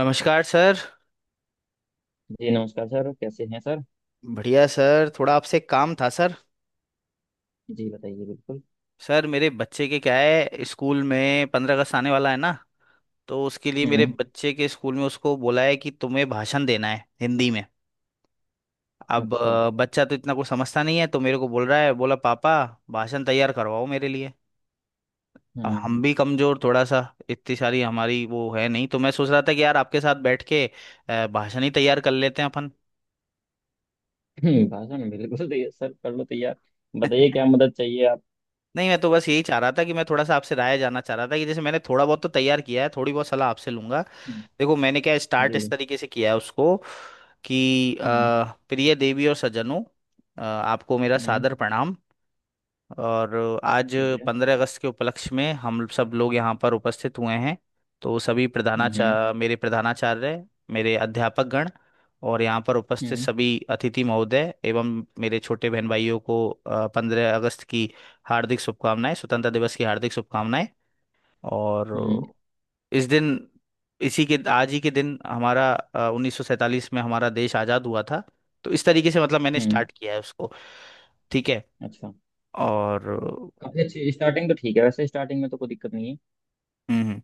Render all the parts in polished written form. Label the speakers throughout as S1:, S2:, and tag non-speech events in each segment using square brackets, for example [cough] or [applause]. S1: नमस्कार सर।
S2: जी नमस्कार सर। कैसे हैं सर?
S1: बढ़िया सर थोड़ा आपसे एक काम था सर।
S2: जी बताइए बिल्कुल।
S1: सर मेरे बच्चे के क्या है, स्कूल में 15 अगस्त आने वाला है ना। तो उसके लिए मेरे
S2: हम्म।
S1: बच्चे के स्कूल में उसको बोला है कि तुम्हें भाषण देना है हिंदी में। अब
S2: अच्छा।
S1: बच्चा तो इतना कुछ समझता नहीं है तो मेरे को बोल रहा है, बोला पापा भाषण तैयार करवाओ मेरे लिए। अब
S2: हम्म।
S1: हम भी कमजोर थोड़ा सा, इतनी सारी हमारी वो है नहीं, तो मैं सोच रहा था कि यार आपके साथ बैठ के भाषण ही तैयार कर लेते हैं अपन।
S2: [clears throat] भाषण बिल्कुल तैयार सर, कर लो तैयार। बताइए
S1: [laughs]
S2: क्या मदद चाहिए आप।
S1: नहीं मैं तो बस यही चाह रहा था कि मैं थोड़ा सा आपसे राय जानना चाह रहा था कि जैसे मैंने थोड़ा बहुत तो तैयार किया है, थोड़ी बहुत सलाह आपसे लूंगा।
S2: हम्म।
S1: देखो मैंने क्या स्टार्ट
S2: जी
S1: इस
S2: जी।
S1: तरीके से किया है उसको, कि
S2: हम्म
S1: प्रिय देवी और सज्जनों, आपको मेरा
S2: हम्म,
S1: सादर प्रणाम। और आज
S2: ठीक है।
S1: 15 अगस्त के उपलक्ष्य में हम सब लोग यहाँ पर उपस्थित हुए हैं, तो सभी
S2: हम्म। हम्म।
S1: प्रधानाचार्य, मेरे प्रधानाचार्य, मेरे अध्यापक गण और यहाँ पर उपस्थित
S2: हम्म।
S1: सभी अतिथि महोदय एवं मेरे छोटे बहन भाइयों को 15 अगस्त की हार्दिक शुभकामनाएं, स्वतंत्रता दिवस की हार्दिक शुभकामनाएं। और
S2: हम्म।
S1: इस दिन, इसी के आज ही के दिन हमारा 1947 में हमारा देश आज़ाद हुआ था। तो इस तरीके से मतलब मैंने
S2: हम्म।
S1: स्टार्ट किया है उसको। ठीक है।
S2: अच्छा।
S1: और हम्म।
S2: काफी अच्छी स्टार्टिंग तो ठीक है, वैसे स्टार्टिंग में तो कोई दिक्कत नहीं है।
S1: हम्म।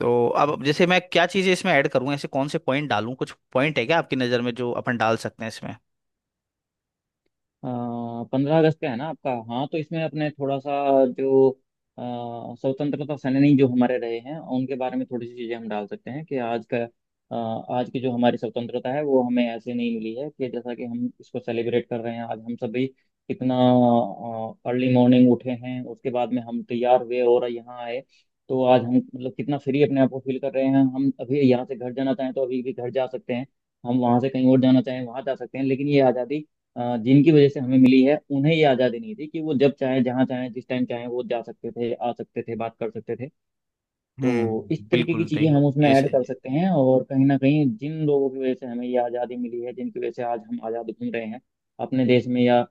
S1: तो अब जैसे, मैं क्या चीजें इसमें ऐड करूँ, ऐसे कौन से पॉइंट डालूं, कुछ पॉइंट है क्या आपकी नजर में जो अपन डाल सकते हैं इसमें?
S2: 15 अगस्त का है ना आपका? हाँ, तो इसमें अपने थोड़ा सा जो स्वतंत्रता सेनानी जो हमारे रहे हैं, उनके बारे में थोड़ी सी चीजें हम डाल सकते हैं, कि आज का आज की जो हमारी स्वतंत्रता है, वो हमें ऐसे नहीं मिली है। कि जैसा कि हम इसको सेलिब्रेट कर रहे हैं आज, हम सभी कितना अर्ली मॉर्निंग उठे हैं, उसके बाद में हम तैयार हुए और यहाँ आए। तो आज हम मतलब कितना फ्री अपने आप को फील कर रहे हैं, हम अभी यहाँ से घर जाना चाहें तो अभी भी घर जा सकते हैं, हम वहां से कहीं और जाना चाहें वहां जा सकते हैं। लेकिन ये आज़ादी जिनकी वजह से हमें मिली है, उन्हें ये आज़ादी नहीं थी कि वो जब चाहे जहाँ चाहे जिस टाइम चाहे वो जा सकते थे, आ सकते थे, बात कर सकते थे। तो इस तरीके की
S1: बिल्कुल
S2: चीज़ें
S1: नहीं।
S2: हम उसमें
S1: ये
S2: ऐड
S1: सही
S2: कर
S1: है।
S2: सकते हैं। और कहीं ना कहीं जिन लोगों की वजह से हमें ये आज़ादी मिली है, जिनकी वजह से आज हम आज़ाद घूम रहे हैं अपने देश में या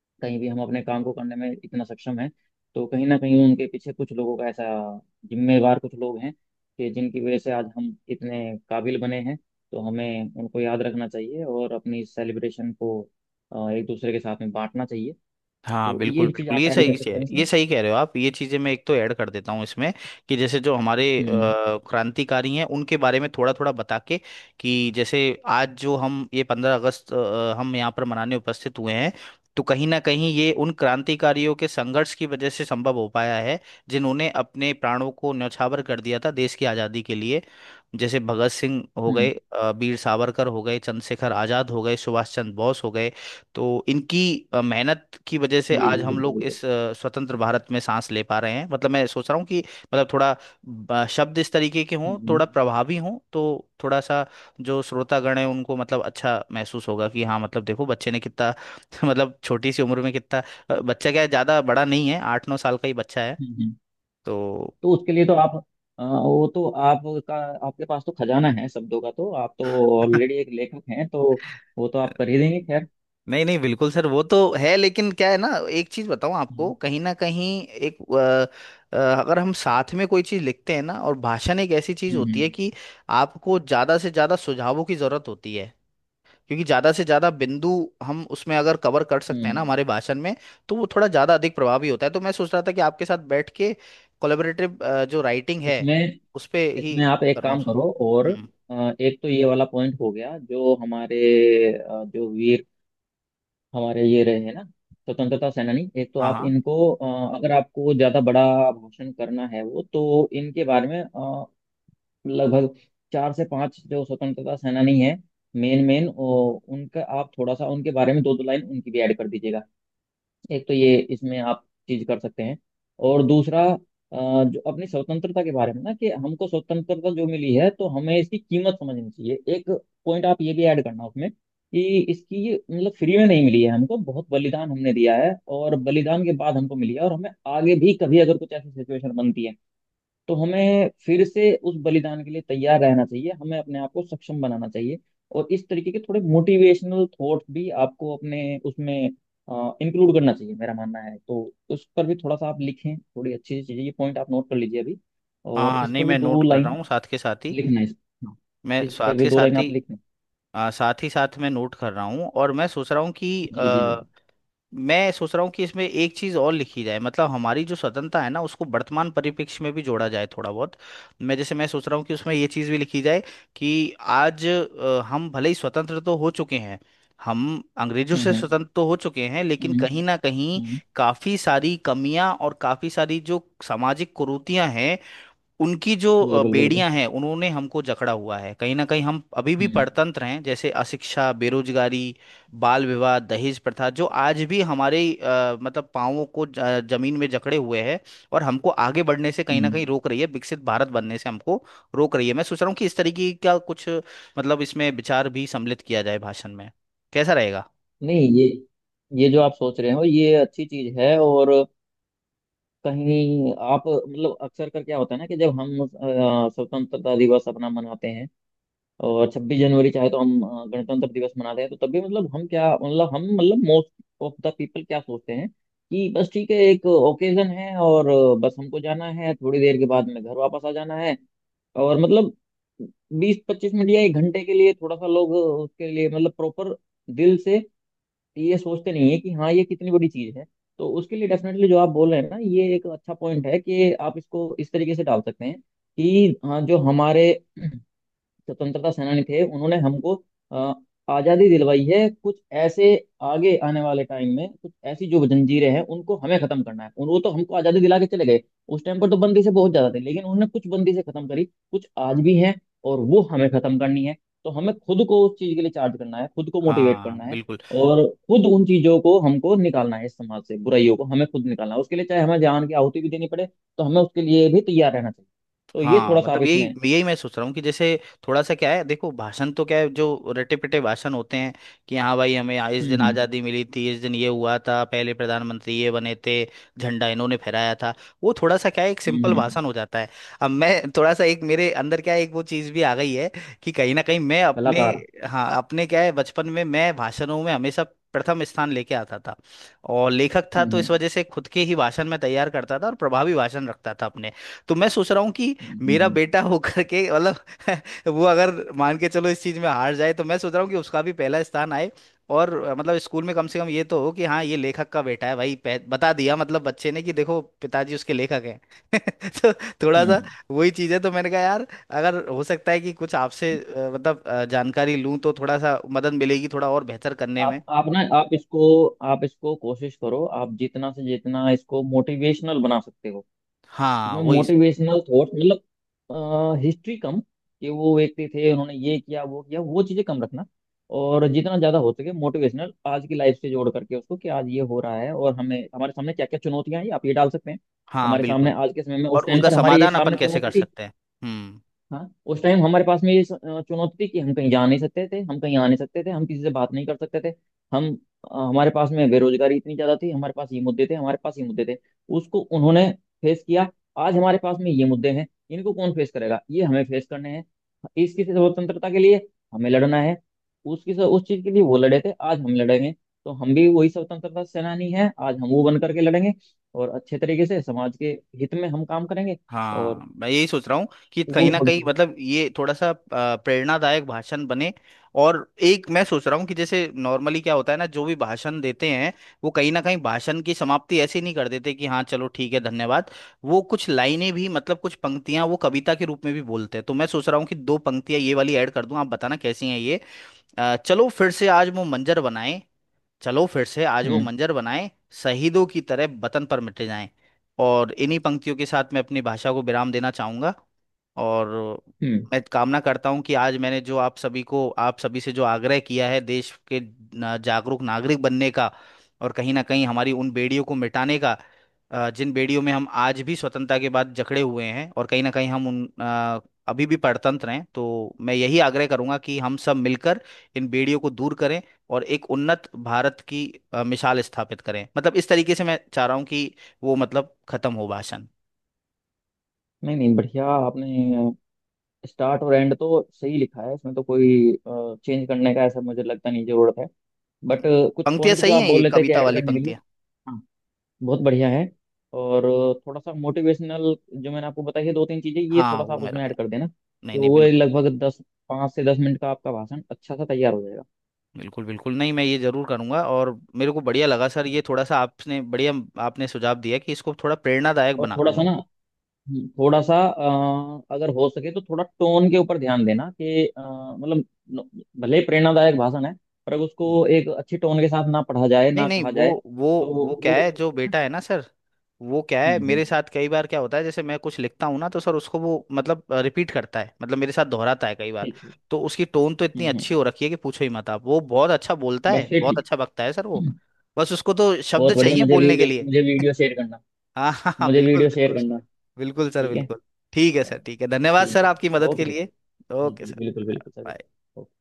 S2: कहीं भी, हम अपने काम को करने में इतना सक्षम है तो कहीं ना कहीं उनके पीछे कुछ लोगों का ऐसा, जिम्मेवार कुछ लोग हैं कि जिनकी वजह से आज हम इतने काबिल बने हैं। तो हमें उनको याद रखना चाहिए और अपनी सेलिब्रेशन को एक दूसरे के साथ में बांटना चाहिए।
S1: हाँ
S2: तो ये
S1: बिल्कुल
S2: भी चीज़
S1: बिल्कुल,
S2: आप
S1: ये
S2: ऐड कर
S1: सही से
S2: सकते
S1: है,
S2: हैं उसमें।
S1: ये सही कह रहे हो आप, ये चीजें मैं एक तो ऐड कर देता हूँ इसमें। कि जैसे जो हमारे
S2: हम्म।
S1: क्रांतिकारी हैं उनके बारे में थोड़ा थोड़ा बता के, कि जैसे आज जो हम ये 15 अगस्त हम यहाँ पर मनाने उपस्थित हुए हैं, तो कहीं ना कहीं ये उन क्रांतिकारियों के संघर्ष की वजह से संभव हो पाया है, जिन्होंने अपने प्राणों को न्यौछावर कर दिया था देश की आज़ादी के लिए। जैसे भगत सिंह हो गए,
S2: हम्म।
S1: वीर सावरकर हो गए, चंद्रशेखर आज़ाद हो गए, सुभाष चंद्र बोस हो गए। तो इनकी मेहनत की वजह से
S2: जी
S1: आज
S2: जी,
S1: हम
S2: बिल्कुल
S1: लोग
S2: बिल्कुल।
S1: इस स्वतंत्र भारत में सांस ले पा रहे हैं। मतलब मैं सोच रहा हूँ कि मतलब थोड़ा शब्द इस तरीके के हों,
S2: हम्म।
S1: थोड़ा प्रभावी हों, तो थोड़ा सा जो श्रोतागण है उनको मतलब अच्छा महसूस होगा कि हाँ, मतलब देखो बच्चे ने कितना, [laughs] मतलब छोटी सी उम्र में कितना, बच्चा क्या है, ज़्यादा बड़ा नहीं है, 8 9 साल का ही बच्चा है।
S2: हम्म। हम्म।
S1: तो
S2: तो उसके लिए तो आप, वो तो आपका, आपके पास तो खजाना है शब्दों का, तो आप तो ऑलरेडी
S1: [laughs]
S2: एक लेखक हैं, तो वो तो आप कर ही देंगे खैर।
S1: नहीं नहीं, बिल्कुल सर, वो तो है, लेकिन क्या है ना, एक चीज बताऊं आपको, कहीं ना कहीं एक अ, अ, अगर हम साथ में कोई चीज लिखते हैं ना, और भाषण एक ऐसी चीज होती
S2: हम्म।
S1: है कि आपको ज्यादा से ज्यादा सुझावों की जरूरत होती है, क्योंकि ज्यादा से ज्यादा बिंदु हम उसमें अगर कवर कर सकते हैं ना,
S2: हम्म।
S1: हमारे भाषण में, तो वो थोड़ा ज्यादा अधिक प्रभावी होता है। तो मैं सोच रहा था कि आपके साथ बैठ के कोलेबरेटिव जो राइटिंग है
S2: इसमें,
S1: उस पे ही
S2: इसमें आप एक
S1: करूँ
S2: काम
S1: उसको।
S2: करो। और
S1: हम्म।
S2: एक तो ये वाला पॉइंट हो गया, जो हमारे जो वीर हमारे ये रहे हैं ना, स्वतंत्रता सेनानी, एक तो
S1: हाँ
S2: आप
S1: हाँ
S2: इनको, अगर आपको ज्यादा बड़ा घोषण करना है वो, तो इनके बारे में लगभग चार से पांच जो स्वतंत्रता सेनानी है मेन मेन उनका, आप थोड़ा सा उनके बारे में दो दो लाइन उनकी भी ऐड कर दीजिएगा। एक तो ये इसमें आप चीज कर सकते हैं। और दूसरा अ, जो अपनी स्वतंत्रता के बारे में ना, कि हमको स्वतंत्रता जो मिली है, तो हमें इसकी कीमत समझनी चाहिए, एक पॉइंट आप ये भी ऐड करना उसमें। कि इसकी मतलब फ्री में नहीं मिली है हमको, बहुत बलिदान हमने दिया है और बलिदान के बाद हमको मिली है। और हमें आगे भी कभी अगर कुछ ऐसी सिचुएशन बनती है, तो हमें फिर से उस बलिदान के लिए तैयार रहना चाहिए, हमें अपने आप को सक्षम बनाना चाहिए। और इस तरीके के थोड़े मोटिवेशनल थॉट्स भी आपको अपने उसमें इंक्लूड करना चाहिए, मेरा मानना है। तो उस पर भी थोड़ा सा आप लिखें, थोड़ी अच्छी चीजें, ये पॉइंट आप नोट कर लीजिए अभी।
S1: हाँ
S2: और
S1: हाँ,
S2: इस
S1: नहीं
S2: पर भी
S1: मैं
S2: दो
S1: नोट कर रहा
S2: लाइन
S1: हूँ साथ के साथ ही।
S2: लिखना है, इस, हाँ,
S1: मैं
S2: इस
S1: साथ
S2: पर भी
S1: के
S2: दो लाइन
S1: साथ
S2: आप
S1: ही
S2: लिखना।
S1: साथ ही साथ मैं नोट कर रहा हूँ, और मैं सोच रहा हूँ कि
S2: जी जी
S1: आ,
S2: जी।
S1: मैं सोच रहा हूँ कि इसमें एक चीज़ और लिखी जाए। मतलब हमारी जो स्वतंत्रता है ना, उसको वर्तमान परिप्रेक्ष्य में भी जोड़ा जाए थोड़ा बहुत। मैं, जैसे मैं सोच रहा हूँ कि उसमें ये चीज़ भी लिखी जाए कि आज हम भले ही स्वतंत्र तो हो चुके हैं, हम अंग्रेजों
S2: हम्म।
S1: से
S2: हम्म।
S1: स्वतंत्र तो हो चुके हैं, लेकिन
S2: हम्म
S1: कहीं ना कहीं
S2: हम्म,
S1: काफ़ी सारी कमियां और काफ़ी सारी जो सामाजिक कुरीतियां हैं, उनकी जो
S2: बिल्कुल बिल्कुल।
S1: बेड़ियां हैं, उन्होंने हमको जकड़ा हुआ है, कहीं ना कहीं हम अभी भी
S2: हम्म।
S1: परतंत्र हैं, जैसे अशिक्षा, बेरोजगारी, बाल विवाह, दहेज प्रथा जो आज भी हमारे मतलब पांवों को जमीन में जकड़े हुए है, और हमको आगे बढ़ने से कहीं ना
S2: हम्म।
S1: कहीं रोक रही है, विकसित भारत बनने से हमको रोक रही है। मैं सोच रहा हूँ कि इस तरीके का कुछ मतलब इसमें विचार भी सम्मिलित किया जाए भाषण में, कैसा रहेगा?
S2: नहीं, ये, ये जो आप सोच रहे हो ये अच्छी चीज है। और कहीं आप मतलब, अक्सर कर क्या होता है ना, कि जब हम स्वतंत्रता दिवस अपना मनाते हैं और 26 जनवरी चाहे तो हम गणतंत्र दिवस मनाते हैं, तो तब भी मतलब हम क्या मतलब हम मतलब मोस्ट ऑफ द पीपल क्या सोचते हैं, कि बस ठीक है, एक ओकेजन है और बस हमको जाना है, थोड़ी देर के बाद में घर वापस आ जाना है। और मतलब 20-25 मिनट या एक घंटे के लिए थोड़ा सा लोग उसके लिए मतलब प्रॉपर दिल से तो ये सोचते नहीं है कि हाँ ये कितनी बड़ी चीज है। तो उसके लिए डेफिनेटली जो आप बोल रहे हैं ना, ये एक अच्छा पॉइंट है कि आप इसको इस तरीके से डाल सकते हैं, कि हाँ, जो हमारे स्वतंत्रता सेनानी थे उन्होंने हमको अ, आजादी दिलवाई है, कुछ ऐसे आगे आने वाले टाइम में कुछ ऐसी जो जंजीरें हैं उनको हमें खत्म करना है उन, वो तो हमको आजादी दिला के चले गए, उस टाइम पर तो बंदी से बहुत ज्यादा थे, लेकिन उन्होंने कुछ बंदी से खत्म करी, कुछ आज भी हैं और वो हमें खत्म करनी है। तो हमें खुद को उस चीज के लिए चार्ज करना है, खुद को मोटिवेट
S1: हाँ
S2: करना है
S1: बिल्कुल।
S2: और खुद उन चीजों को हमको निकालना है, इस समाज से बुराइयों को हमें खुद निकालना है। उसके लिए चाहे हमें जान की आहुति भी देनी पड़े, तो हमें उसके लिए भी तैयार रहना चाहिए। तो ये
S1: हाँ
S2: थोड़ा सा आप
S1: मतलब यही
S2: इसमें।
S1: यही मैं सोच रहा हूँ कि जैसे थोड़ा सा क्या है, देखो भाषण तो क्या है, जो रटे पिटे भाषण होते हैं कि हाँ भाई, हमें इस
S2: हम्म।
S1: दिन
S2: हम्म।
S1: आज़ादी मिली थी, इस दिन ये हुआ था, पहले प्रधानमंत्री ये बने थे, झंडा इन्होंने फहराया था, वो थोड़ा सा क्या है, एक
S2: हम्म।
S1: सिंपल
S2: हम्म।
S1: भाषण हो जाता है। अब मैं थोड़ा सा, एक मेरे अंदर क्या है, एक वो चीज़ भी आ गई है कि कहीं ना कहीं मैं अपने,
S2: कलाकार।
S1: हाँ अपने क्या है, बचपन में मैं भाषणों में हमेशा प्रथम स्थान लेके आता था, और लेखक था
S2: हम्म।
S1: तो इस
S2: हम्म।
S1: वजह से खुद के ही भाषण में तैयार करता था और प्रभावी भाषण रखता था अपने। तो मैं सोच रहा हूँ कि मेरा
S2: हम्म।
S1: बेटा [laughs] होकर के मतलब [laughs] वो, अगर मान के चलो इस चीज में हार जाए, तो मैं सोच रहा हूँ कि उसका भी पहला स्थान आए। और मतलब स्कूल में कम से कम ये तो हो कि हाँ ये लेखक का बेटा है भाई, बता दिया मतलब बच्चे ने कि देखो पिताजी उसके लेखक हैं। [laughs] तो थोड़ा सा
S2: हम्म।
S1: वही चीज है। तो मैंने कहा यार, अगर हो सकता है कि कुछ आपसे मतलब जानकारी लूँ, तो थोड़ा सा मदद मिलेगी थोड़ा और बेहतर करने में।
S2: आप ना, आप इसको, आप इसको कोशिश करो, आप जितना से जितना इसको मोटिवेशनल बना सकते हो।
S1: हाँ
S2: इसमें
S1: वही।
S2: मोटिवेशनल थॉट, मतलब हिस्ट्री कम, कि वो व्यक्ति थे उन्होंने ये किया वो किया, वो चीजें कम रखना। और जितना ज्यादा हो सके मोटिवेशनल आज की लाइफ से जोड़ करके उसको, कि आज ये हो रहा है और हमें हमारे सामने क्या क्या चुनौतियां हैं, आप ये डाल सकते हैं।
S1: हाँ
S2: हमारे सामने
S1: बिल्कुल।
S2: आज के समय में,
S1: और
S2: उस टाइम
S1: उनका
S2: पर हमारे ये
S1: समाधान सही अपन
S2: सामने
S1: बात कैसे
S2: चुनौती
S1: कर
S2: थी।
S1: सकते हैं? हम्म।
S2: हाँ, उस टाइम हमारे पास में ये चुनौती थी कि हम कहीं जा नहीं सकते थे, हम कहीं आ नहीं सकते थे, हम किसी से बात नहीं कर सकते थे। हम हमारे पास में बेरोजगारी इतनी ज्यादा थी, हमारे पास ये मुद्दे थे, हमारे पास ये मुद्दे थे, उसको उन्होंने फेस किया। आज हमारे पास में ये मुद्दे हैं, इनको कौन फेस करेगा? ये हमें फेस करने हैं। इसकी स्वतंत्रता के लिए हमें लड़ना है, उसकी उस चीज के लिए वो लड़े थे, आज हम लड़ेंगे। तो हम भी वही स्वतंत्रता सेनानी हैं, आज हम वो बन करके लड़ेंगे और अच्छे तरीके से समाज के हित में हम काम करेंगे। और
S1: हाँ मैं यही सोच रहा हूँ कि
S2: वो
S1: कहीं ना
S2: थोड़ी
S1: कहीं
S2: सी।
S1: मतलब ये थोड़ा सा प्रेरणादायक भाषण बने। और एक मैं सोच रहा हूँ कि जैसे नॉर्मली क्या होता है ना, जो भी भाषण देते हैं वो कहीं ना कहीं भाषण की समाप्ति ऐसे नहीं कर देते कि हाँ चलो ठीक है, धन्यवाद। वो कुछ लाइनें भी मतलब कुछ पंक्तियां वो कविता के रूप में भी बोलते हैं, तो मैं सोच रहा हूँ कि दो पंक्तियां ये वाली ऐड कर दूं, आप बताना कैसी हैं ये। चलो फिर से आज वो मंजर बनाए, चलो फिर से आज वो
S2: हम्म।
S1: मंजर बनाएं, शहीदों की तरह वतन पर मिटे जाएं। और इन्हीं पंक्तियों के साथ मैं अपनी भाषा को विराम देना चाहूंगा। और
S2: हम्म।
S1: मैं कामना करता हूँ कि आज मैंने जो आप सभी को, आप सभी से जो आग्रह किया है देश के जागरूक नागरिक बनने का, और कहीं ना कहीं हमारी उन बेड़ियों को मिटाने का जिन बेड़ियों में हम आज भी स्वतंत्रता के बाद जकड़े हुए हैं, और कहीं ना कहीं हम उन अभी भी परतंत्र हैं। तो मैं यही आग्रह करूंगा कि हम सब मिलकर इन बेड़ियों को दूर करें और एक उन्नत भारत की मिसाल स्थापित करें। मतलब इस तरीके से मैं चाह रहा हूँ कि वो मतलब खत्म हो भाषण।
S2: नहीं नहीं, बढ़िया आपने, स्टार्ट और एंड तो सही लिखा है, इसमें तो कोई चेंज करने का ऐसा मुझे लगता नहीं जरूरत है। बट कुछ
S1: पंक्तियां
S2: पॉइंट जो
S1: सही
S2: आप
S1: हैं ये
S2: बोल रहे थे कि
S1: कविता
S2: ऐड
S1: वाली
S2: करने के लिए।
S1: पंक्तियां?
S2: हाँ, बहुत बढ़िया है। और थोड़ा सा मोटिवेशनल, जो मैंने आपको बताई है दो तीन चीजें, ये
S1: हाँ
S2: थोड़ा सा
S1: वो
S2: आप
S1: मैं
S2: उसमें ऐड
S1: रखूंगा।
S2: कर देना,
S1: नहीं
S2: तो
S1: नहीं
S2: वो
S1: बिल्कुल।
S2: लगभग दस, पाँच से 10 मिनट का आपका भाषण अच्छा सा तैयार हो जाएगा।
S1: बिल्कुल बिल्कुल, नहीं मैं ये जरूर करूंगा। और मेरे को बढ़िया लगा सर, ये थोड़ा सा आपने बढ़िया, आपने सुझाव दिया कि इसको थोड़ा प्रेरणादायक
S2: और
S1: बना
S2: थोड़ा
S1: दूं
S2: सा
S1: मैं।
S2: ना, थोड़ा सा अगर हो सके तो थोड़ा टोन के ऊपर ध्यान देना कि मतलब न- भले ही प्रेरणादायक भाषण है, पर अगर
S1: हम्म।
S2: उसको एक अच्छी टोन के साथ ना पढ़ा जाए,
S1: नहीं
S2: ना
S1: नहीं
S2: कहा जाए,
S1: वो वो
S2: तो
S1: वो क्या
S2: वो।
S1: है, जो बेटा है ना सर, वो क्या है,
S2: हम्म हम्म,
S1: मेरे साथ कई बार क्या होता है, जैसे मैं कुछ लिखता हूँ ना तो सर उसको, वो मतलब रिपीट करता है, मतलब मेरे साथ दोहराता है कई बार।
S2: ठीक ठीक।
S1: तो उसकी टोन तो
S2: हम्म।
S1: इतनी
S2: हम्म।
S1: अच्छी हो रखी है कि पूछो ही मत आप, वो बहुत अच्छा बोलता
S2: बस
S1: है,
S2: ये
S1: बहुत
S2: ठीक
S1: अच्छा बकता है सर वो।
S2: है।
S1: बस उसको तो शब्द
S2: बहुत बढ़िया,
S1: चाहिए
S2: मुझे
S1: बोलने के
S2: वीडियो,
S1: लिए।
S2: मुझे वीडियो शेयर करना।
S1: हाँ हाँ हाँ
S2: मुझे
S1: बिल्कुल
S2: वीडियो शेयर
S1: बिल्कुल।
S2: करना।
S1: बिल्कुल सर
S2: ठीक है।
S1: बिल्कुल। ठीक है
S2: चलो,
S1: सर, ठीक है, धन्यवाद
S2: ठीक
S1: सर
S2: है
S1: आपकी
S2: सर,
S1: मदद के
S2: ओके सर।
S1: लिए।
S2: जी
S1: ओके
S2: जी,
S1: सर
S2: बिल्कुल
S1: धन्यवाद
S2: बिल्कुल
S1: बाय।
S2: सर।